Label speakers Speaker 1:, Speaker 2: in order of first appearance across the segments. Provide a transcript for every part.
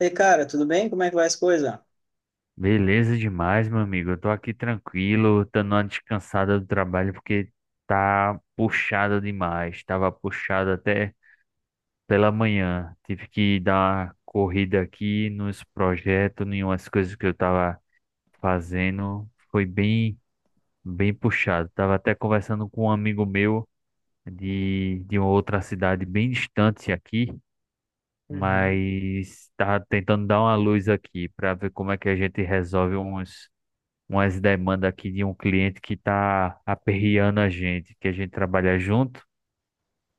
Speaker 1: E cara, tudo bem? Como é que vai as coisas?
Speaker 2: Beleza demais, meu amigo. Eu tô aqui tranquilo, dando uma descansada do trabalho porque tá puxada demais. Tava puxado até pela manhã. Tive que dar uma corrida aqui nos projetos, em umas coisas que eu tava fazendo. Foi bem puxado. Tava até conversando com um amigo meu de uma outra cidade bem distante aqui,
Speaker 1: Uhum.
Speaker 2: mas tava tentando dar uma luz aqui para ver como é que a gente resolve uns. Umas demandas aqui de um cliente que está aperreando a gente, que a gente trabalha junto,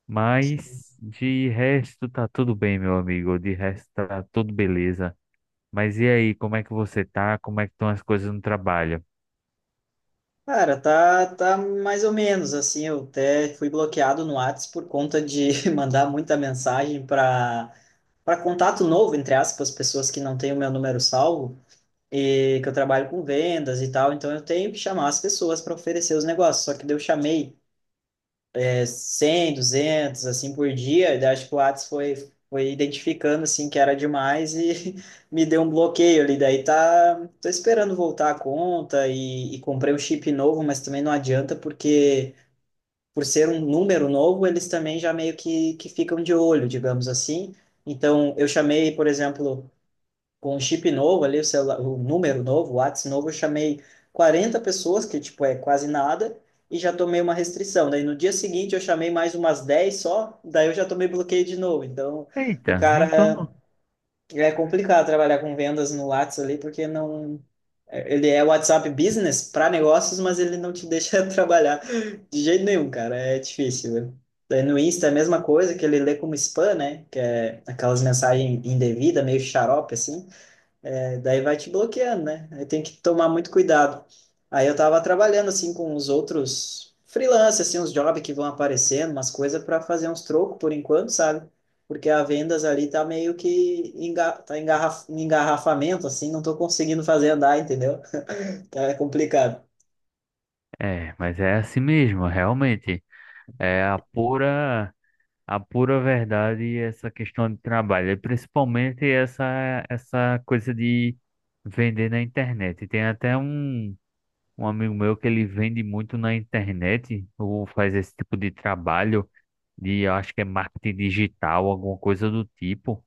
Speaker 2: mas de resto tá tudo bem, meu amigo, de resto tá tudo beleza. Mas e aí, como é que você tá? Como é que estão as coisas no trabalho?
Speaker 1: Cara, tá mais ou menos assim. Eu até fui bloqueado no Whats por conta de mandar muita mensagem para contato novo, entre aspas, pessoas que não têm o meu número salvo e que eu trabalho com vendas e tal. Então eu tenho que chamar as pessoas para oferecer os negócios. Só que daí eu chamei 100, 200, assim por dia. Daí acho que o Whats foi identificando assim que era demais e me deu um bloqueio ali. Daí tá, tô esperando voltar a conta e comprei um chip novo, mas também não adianta porque por ser um número novo, eles também já meio que ficam de olho, digamos assim. Então eu chamei, por exemplo, com o chip novo ali, o celular, o número novo, o WhatsApp novo, eu chamei 40 pessoas, que tipo é quase nada, e já tomei uma restrição. Daí no dia seguinte eu chamei mais umas 10 só, daí eu já tomei bloqueio de novo. Então o
Speaker 2: Eita, então
Speaker 1: cara
Speaker 2: não.
Speaker 1: é complicado trabalhar com vendas no WhatsApp ali, porque não. Ele é WhatsApp Business para negócios, mas ele não te deixa trabalhar de jeito nenhum, cara. É difícil, né? Daí no Insta é a mesma coisa que ele lê como spam, né? Que é aquelas mensagens indevidas, meio xarope, assim. É, daí vai te bloqueando, né? Aí tem que tomar muito cuidado. Aí eu tava trabalhando assim com os outros freelancers, assim, uns jobs que vão aparecendo, umas coisas para fazer uns trocos por enquanto, sabe? Porque a vendas ali tá meio que enga tá engarraf em engarrafamento, assim, não tô conseguindo fazer andar, entendeu? Tá complicado.
Speaker 2: É, mas é assim mesmo, realmente. É a pura, a pura verdade essa questão de trabalho, e principalmente essa coisa de vender na internet. Tem até um amigo meu que ele vende muito na internet ou faz esse tipo de trabalho de, eu acho que é marketing digital, alguma coisa do tipo.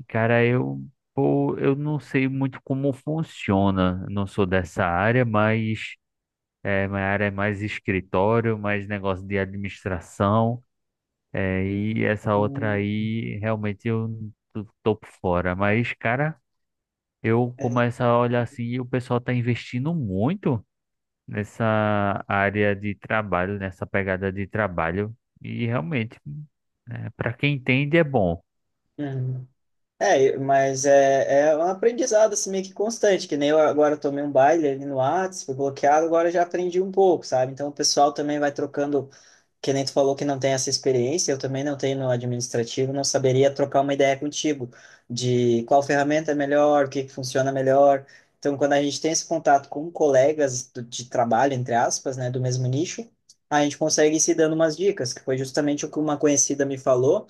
Speaker 2: E, cara, eu não sei muito como funciona, não sou dessa área, mas é, minha área é mais escritório, mais negócio de administração, é, e essa outra
Speaker 1: Hum,
Speaker 2: aí realmente eu tô por fora. Mas, cara, eu
Speaker 1: é,
Speaker 2: começo a olhar assim e o pessoal tá investindo muito nessa área de trabalho, nessa pegada de trabalho. E realmente, né, para quem entende, é bom.
Speaker 1: hum. É, mas é um aprendizado assim, meio que constante, que nem eu agora tomei um baile ali no Whats, fui bloqueado, agora já aprendi um pouco, sabe? Então o pessoal também vai trocando, que nem tu falou que não tem essa experiência, eu também não tenho no administrativo, não saberia trocar uma ideia contigo de qual ferramenta é melhor, o que que funciona melhor. Então quando a gente tem esse contato com colegas de trabalho, entre aspas, né, do mesmo nicho, a gente consegue ir se dando umas dicas, que foi justamente o que uma conhecida me falou.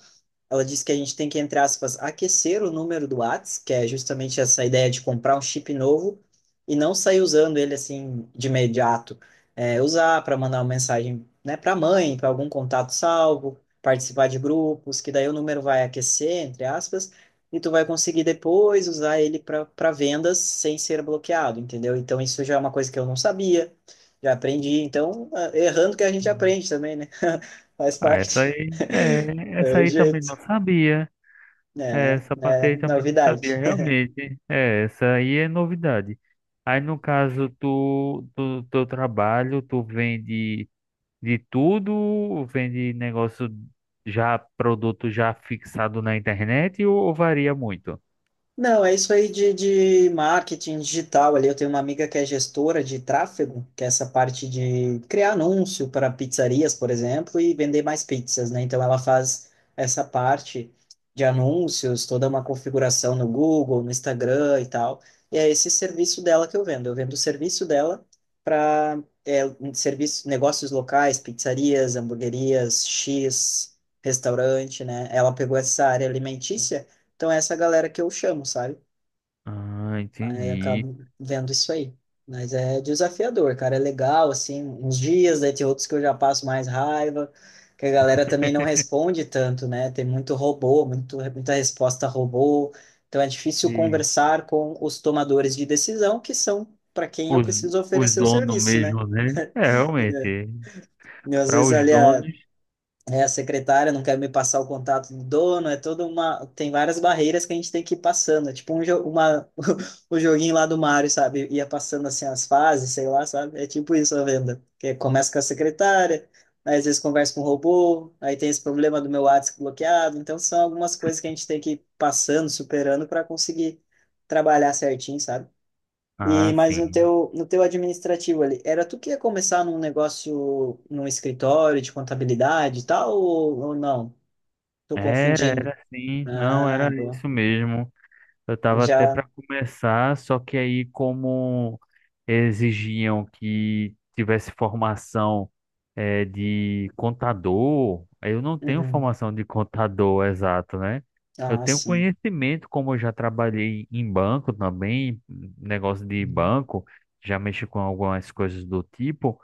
Speaker 1: Ela disse que a gente tem que, entre aspas, aquecer o número do Whats, que é justamente essa ideia de comprar um chip novo e não sair usando ele assim de imediato. É, usar para mandar uma mensagem, né, para mãe, para algum contato salvo, participar de grupos, que daí o número vai aquecer, entre aspas, e tu vai conseguir depois usar ele para vendas sem ser bloqueado, entendeu? Então isso já é uma coisa que eu não sabia, já aprendi. Então, errando que a gente aprende também, né? Faz
Speaker 2: Ah, essa
Speaker 1: parte.
Speaker 2: aí, é,
Speaker 1: É
Speaker 2: essa
Speaker 1: o
Speaker 2: aí também não
Speaker 1: jeito.
Speaker 2: sabia. É,
Speaker 1: É,
Speaker 2: essa parte
Speaker 1: é
Speaker 2: aí também não sabia,
Speaker 1: novidade.
Speaker 2: realmente. É, essa aí é novidade. Aí, no caso tu do teu trabalho, tu vende de tudo? Vende negócio já, produto já fixado na internet ou varia muito?
Speaker 1: Não, é isso aí de marketing digital ali. Eu tenho uma amiga que é gestora de tráfego, que é essa parte de criar anúncio para pizzarias, por exemplo, e vender mais pizzas, né? Então ela faz essa parte de anúncios, toda uma configuração no Google, no Instagram e tal. E é esse serviço dela que eu vendo. Eu vendo o serviço dela para um serviço, negócios locais, pizzarias, hamburguerias, X, restaurante, né? Ela pegou essa área alimentícia, então é essa galera que eu chamo, sabe?
Speaker 2: Ah,
Speaker 1: Aí eu
Speaker 2: entendi.
Speaker 1: acabo vendo isso aí. Mas é desafiador, cara. É legal, assim, uns dias, daí tem outros que eu já passo mais raiva, que a galera também não responde tanto, né? Tem muito robô, muito, muita resposta robô. Então é difícil conversar com os tomadores de decisão, que são para quem eu
Speaker 2: Os,
Speaker 1: preciso
Speaker 2: os
Speaker 1: oferecer o
Speaker 2: donos
Speaker 1: serviço, né?
Speaker 2: mesmo, né? É, realmente.
Speaker 1: E às
Speaker 2: Para
Speaker 1: vezes
Speaker 2: os
Speaker 1: ali
Speaker 2: donos.
Speaker 1: a secretária não quer me passar o contato do dono, é toda uma. Tem várias barreiras que a gente tem que ir passando. É tipo o joguinho lá do Mario, sabe? Ia passando assim as fases, sei lá, sabe? É tipo isso a venda. Que começa com a secretária, aí às vezes conversa com o robô, aí tem esse problema do meu WhatsApp bloqueado. Então são algumas coisas que a gente tem que ir passando, superando para conseguir trabalhar certinho, sabe? E,
Speaker 2: Ah,
Speaker 1: mas no
Speaker 2: sim.
Speaker 1: teu, no teu administrativo ali, era tu que ia começar num negócio, num escritório de contabilidade e tal, ou não? Tô
Speaker 2: Era,
Speaker 1: confundindo.
Speaker 2: era sim. Não,
Speaker 1: Ah,
Speaker 2: era
Speaker 1: boa.
Speaker 2: isso mesmo. Eu tava até
Speaker 1: Já.
Speaker 2: para começar, só que aí, como exigiam que tivesse formação de contador, eu não tenho
Speaker 1: Uhum.
Speaker 2: formação de contador exato, né? Eu
Speaker 1: Ah,
Speaker 2: tenho
Speaker 1: sim.
Speaker 2: conhecimento, como eu já trabalhei em banco também, negócio de
Speaker 1: Uhum.
Speaker 2: banco, já mexi com algumas coisas do tipo.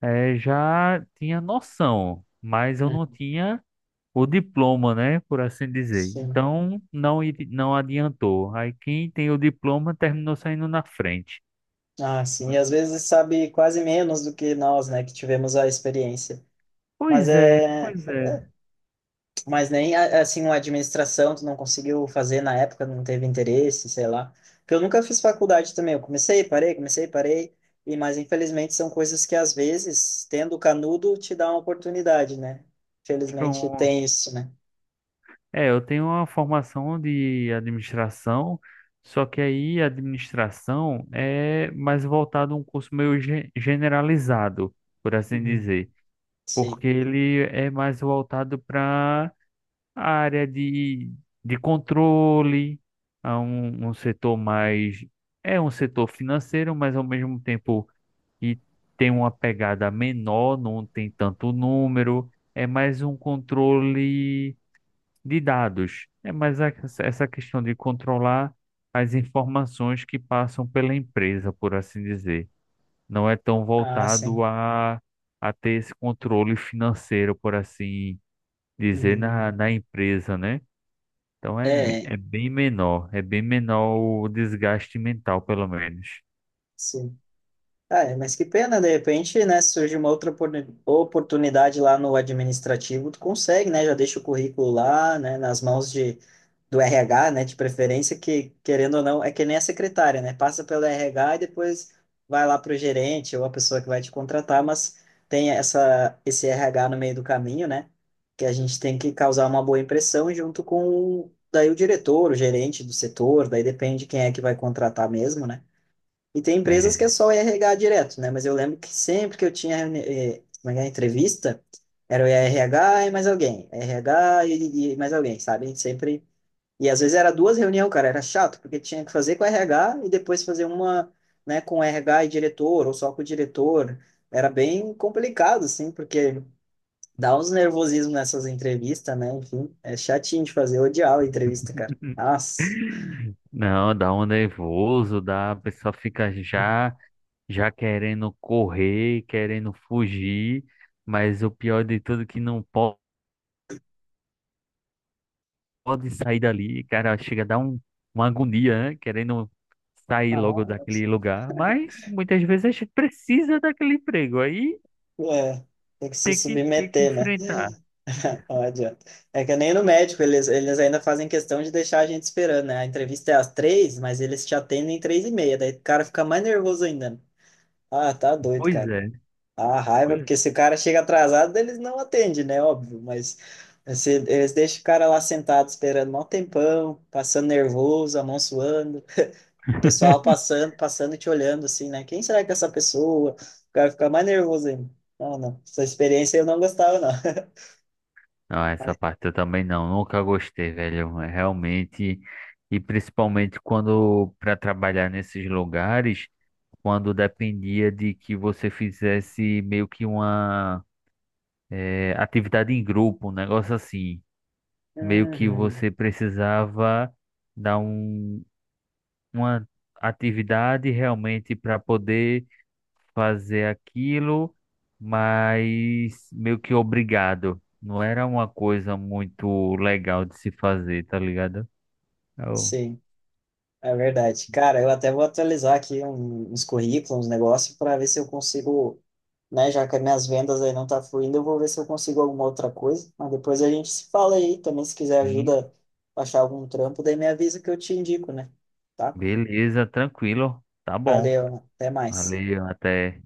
Speaker 2: É, já tinha noção, mas eu não
Speaker 1: Uhum.
Speaker 2: tinha o diploma, né, por assim dizer.
Speaker 1: Sim.
Speaker 2: Então não adiantou. Aí quem tem o diploma terminou saindo na frente.
Speaker 1: Ah, sim. E às vezes sabe quase menos do que nós, né, que tivemos a experiência. Mas
Speaker 2: Pois é,
Speaker 1: é,
Speaker 2: pois é.
Speaker 1: Mas nem assim uma administração tu não conseguiu fazer na época, não teve interesse, sei lá. Porque eu nunca fiz faculdade também, eu comecei, parei, comecei, parei. Mas infelizmente são coisas que às vezes, tendo canudo, te dá uma oportunidade, né? Infelizmente
Speaker 2: Então
Speaker 1: tem isso, né?
Speaker 2: é, eu tenho uma formação de administração, só que aí a administração é mais voltado a um curso meio generalizado, por assim
Speaker 1: Uhum.
Speaker 2: dizer,
Speaker 1: Sim.
Speaker 2: porque ele é mais voltado para a área de controle, um setor mais. É um setor financeiro, mas ao mesmo tempo e tem uma pegada menor, não tem tanto número, é mais um controle de dados. É essa questão de controlar as informações que passam pela empresa, por assim dizer. Não é tão
Speaker 1: Ah, sim.
Speaker 2: voltado a ter esse controle financeiro, por assim dizer,
Speaker 1: Uhum.
Speaker 2: na empresa, né? Então é,
Speaker 1: É,
Speaker 2: é bem menor o desgaste mental, pelo menos.
Speaker 1: sim. Ah, é, mas que pena, de repente, né, se surge uma outra oportunidade lá no administrativo, tu consegue, né, já deixa o currículo lá, né, nas mãos do RH, né, de preferência, que, querendo ou não, é que nem a secretária, né, passa pelo RH e depois vai lá para o gerente ou a pessoa que vai te contratar, mas tem essa, esse RH no meio do caminho, né, que a gente tem que causar uma boa impressão junto com, daí, o diretor, o gerente do setor, daí depende quem é que vai contratar mesmo, né, e tem empresas
Speaker 2: É,
Speaker 1: que é só o RH direto, né? Mas eu lembro que sempre que eu tinha como é que é, entrevista, era o RH e mais alguém, RH e mais alguém, sabe? A gente sempre. E às vezes era duas reuniões, cara, era chato, porque tinha que fazer com o RH e depois fazer uma, né, com o RH e diretor, ou só com o diretor. Era bem complicado, assim, porque dá uns nervosismos nessas entrevistas, né? Enfim, é chatinho de fazer, eu odiava a entrevista, cara. Nossa,
Speaker 2: não, dá um nervoso, dá, a pessoa fica já, já querendo correr, querendo fugir, mas o pior de tudo é que não po- pode sair dali, cara, chega a dar um, uma agonia, né? Querendo sair logo
Speaker 1: nossa.
Speaker 2: daquele lugar, mas muitas vezes a gente precisa daquele emprego, aí
Speaker 1: É, tem que se
Speaker 2: tem que
Speaker 1: submeter, né?
Speaker 2: enfrentar.
Speaker 1: Não adianta. É que nem no médico, eles ainda fazem questão de deixar a gente esperando, né? A entrevista é às 3, mas eles te atendem em 3:30, daí o cara fica mais nervoso ainda, né? Ah, tá doido,
Speaker 2: Pois
Speaker 1: cara.
Speaker 2: é,
Speaker 1: A raiva,
Speaker 2: pois
Speaker 1: porque se o cara chega atrasado, eles não atendem, né? Óbvio, mas se, eles deixam o cara lá sentado esperando um tempão, passando nervoso, a mão suando, o pessoal passando, passando e te olhando assim, né? Quem será que é essa pessoa? O cara fica mais nervoso ainda. Não, não. Essa experiência eu não gostava, não.
Speaker 2: não, essa
Speaker 1: Mas,
Speaker 2: parte eu também não, nunca gostei, velho. É realmente, e principalmente quando para trabalhar nesses lugares, quando dependia de que você fizesse meio que uma atividade em grupo, um negócio assim, meio que
Speaker 1: uhum.
Speaker 2: você precisava dar um, uma atividade realmente para poder fazer aquilo, mas meio que obrigado. Não era uma coisa muito legal de se fazer, tá ligado? Eu,
Speaker 1: Sim, é verdade. Cara, eu até vou atualizar aqui uns currículos, uns negócios, para ver se eu consigo, né? Já que as minhas vendas aí não tá fluindo, eu vou ver se eu consigo alguma outra coisa. Mas depois a gente se fala aí também. Se quiser
Speaker 2: sim,
Speaker 1: ajuda pra achar algum trampo, daí me avisa que eu te indico, né? Tá?
Speaker 2: beleza, tranquilo. Tá bom.
Speaker 1: Valeu, até mais.
Speaker 2: Valeu, até.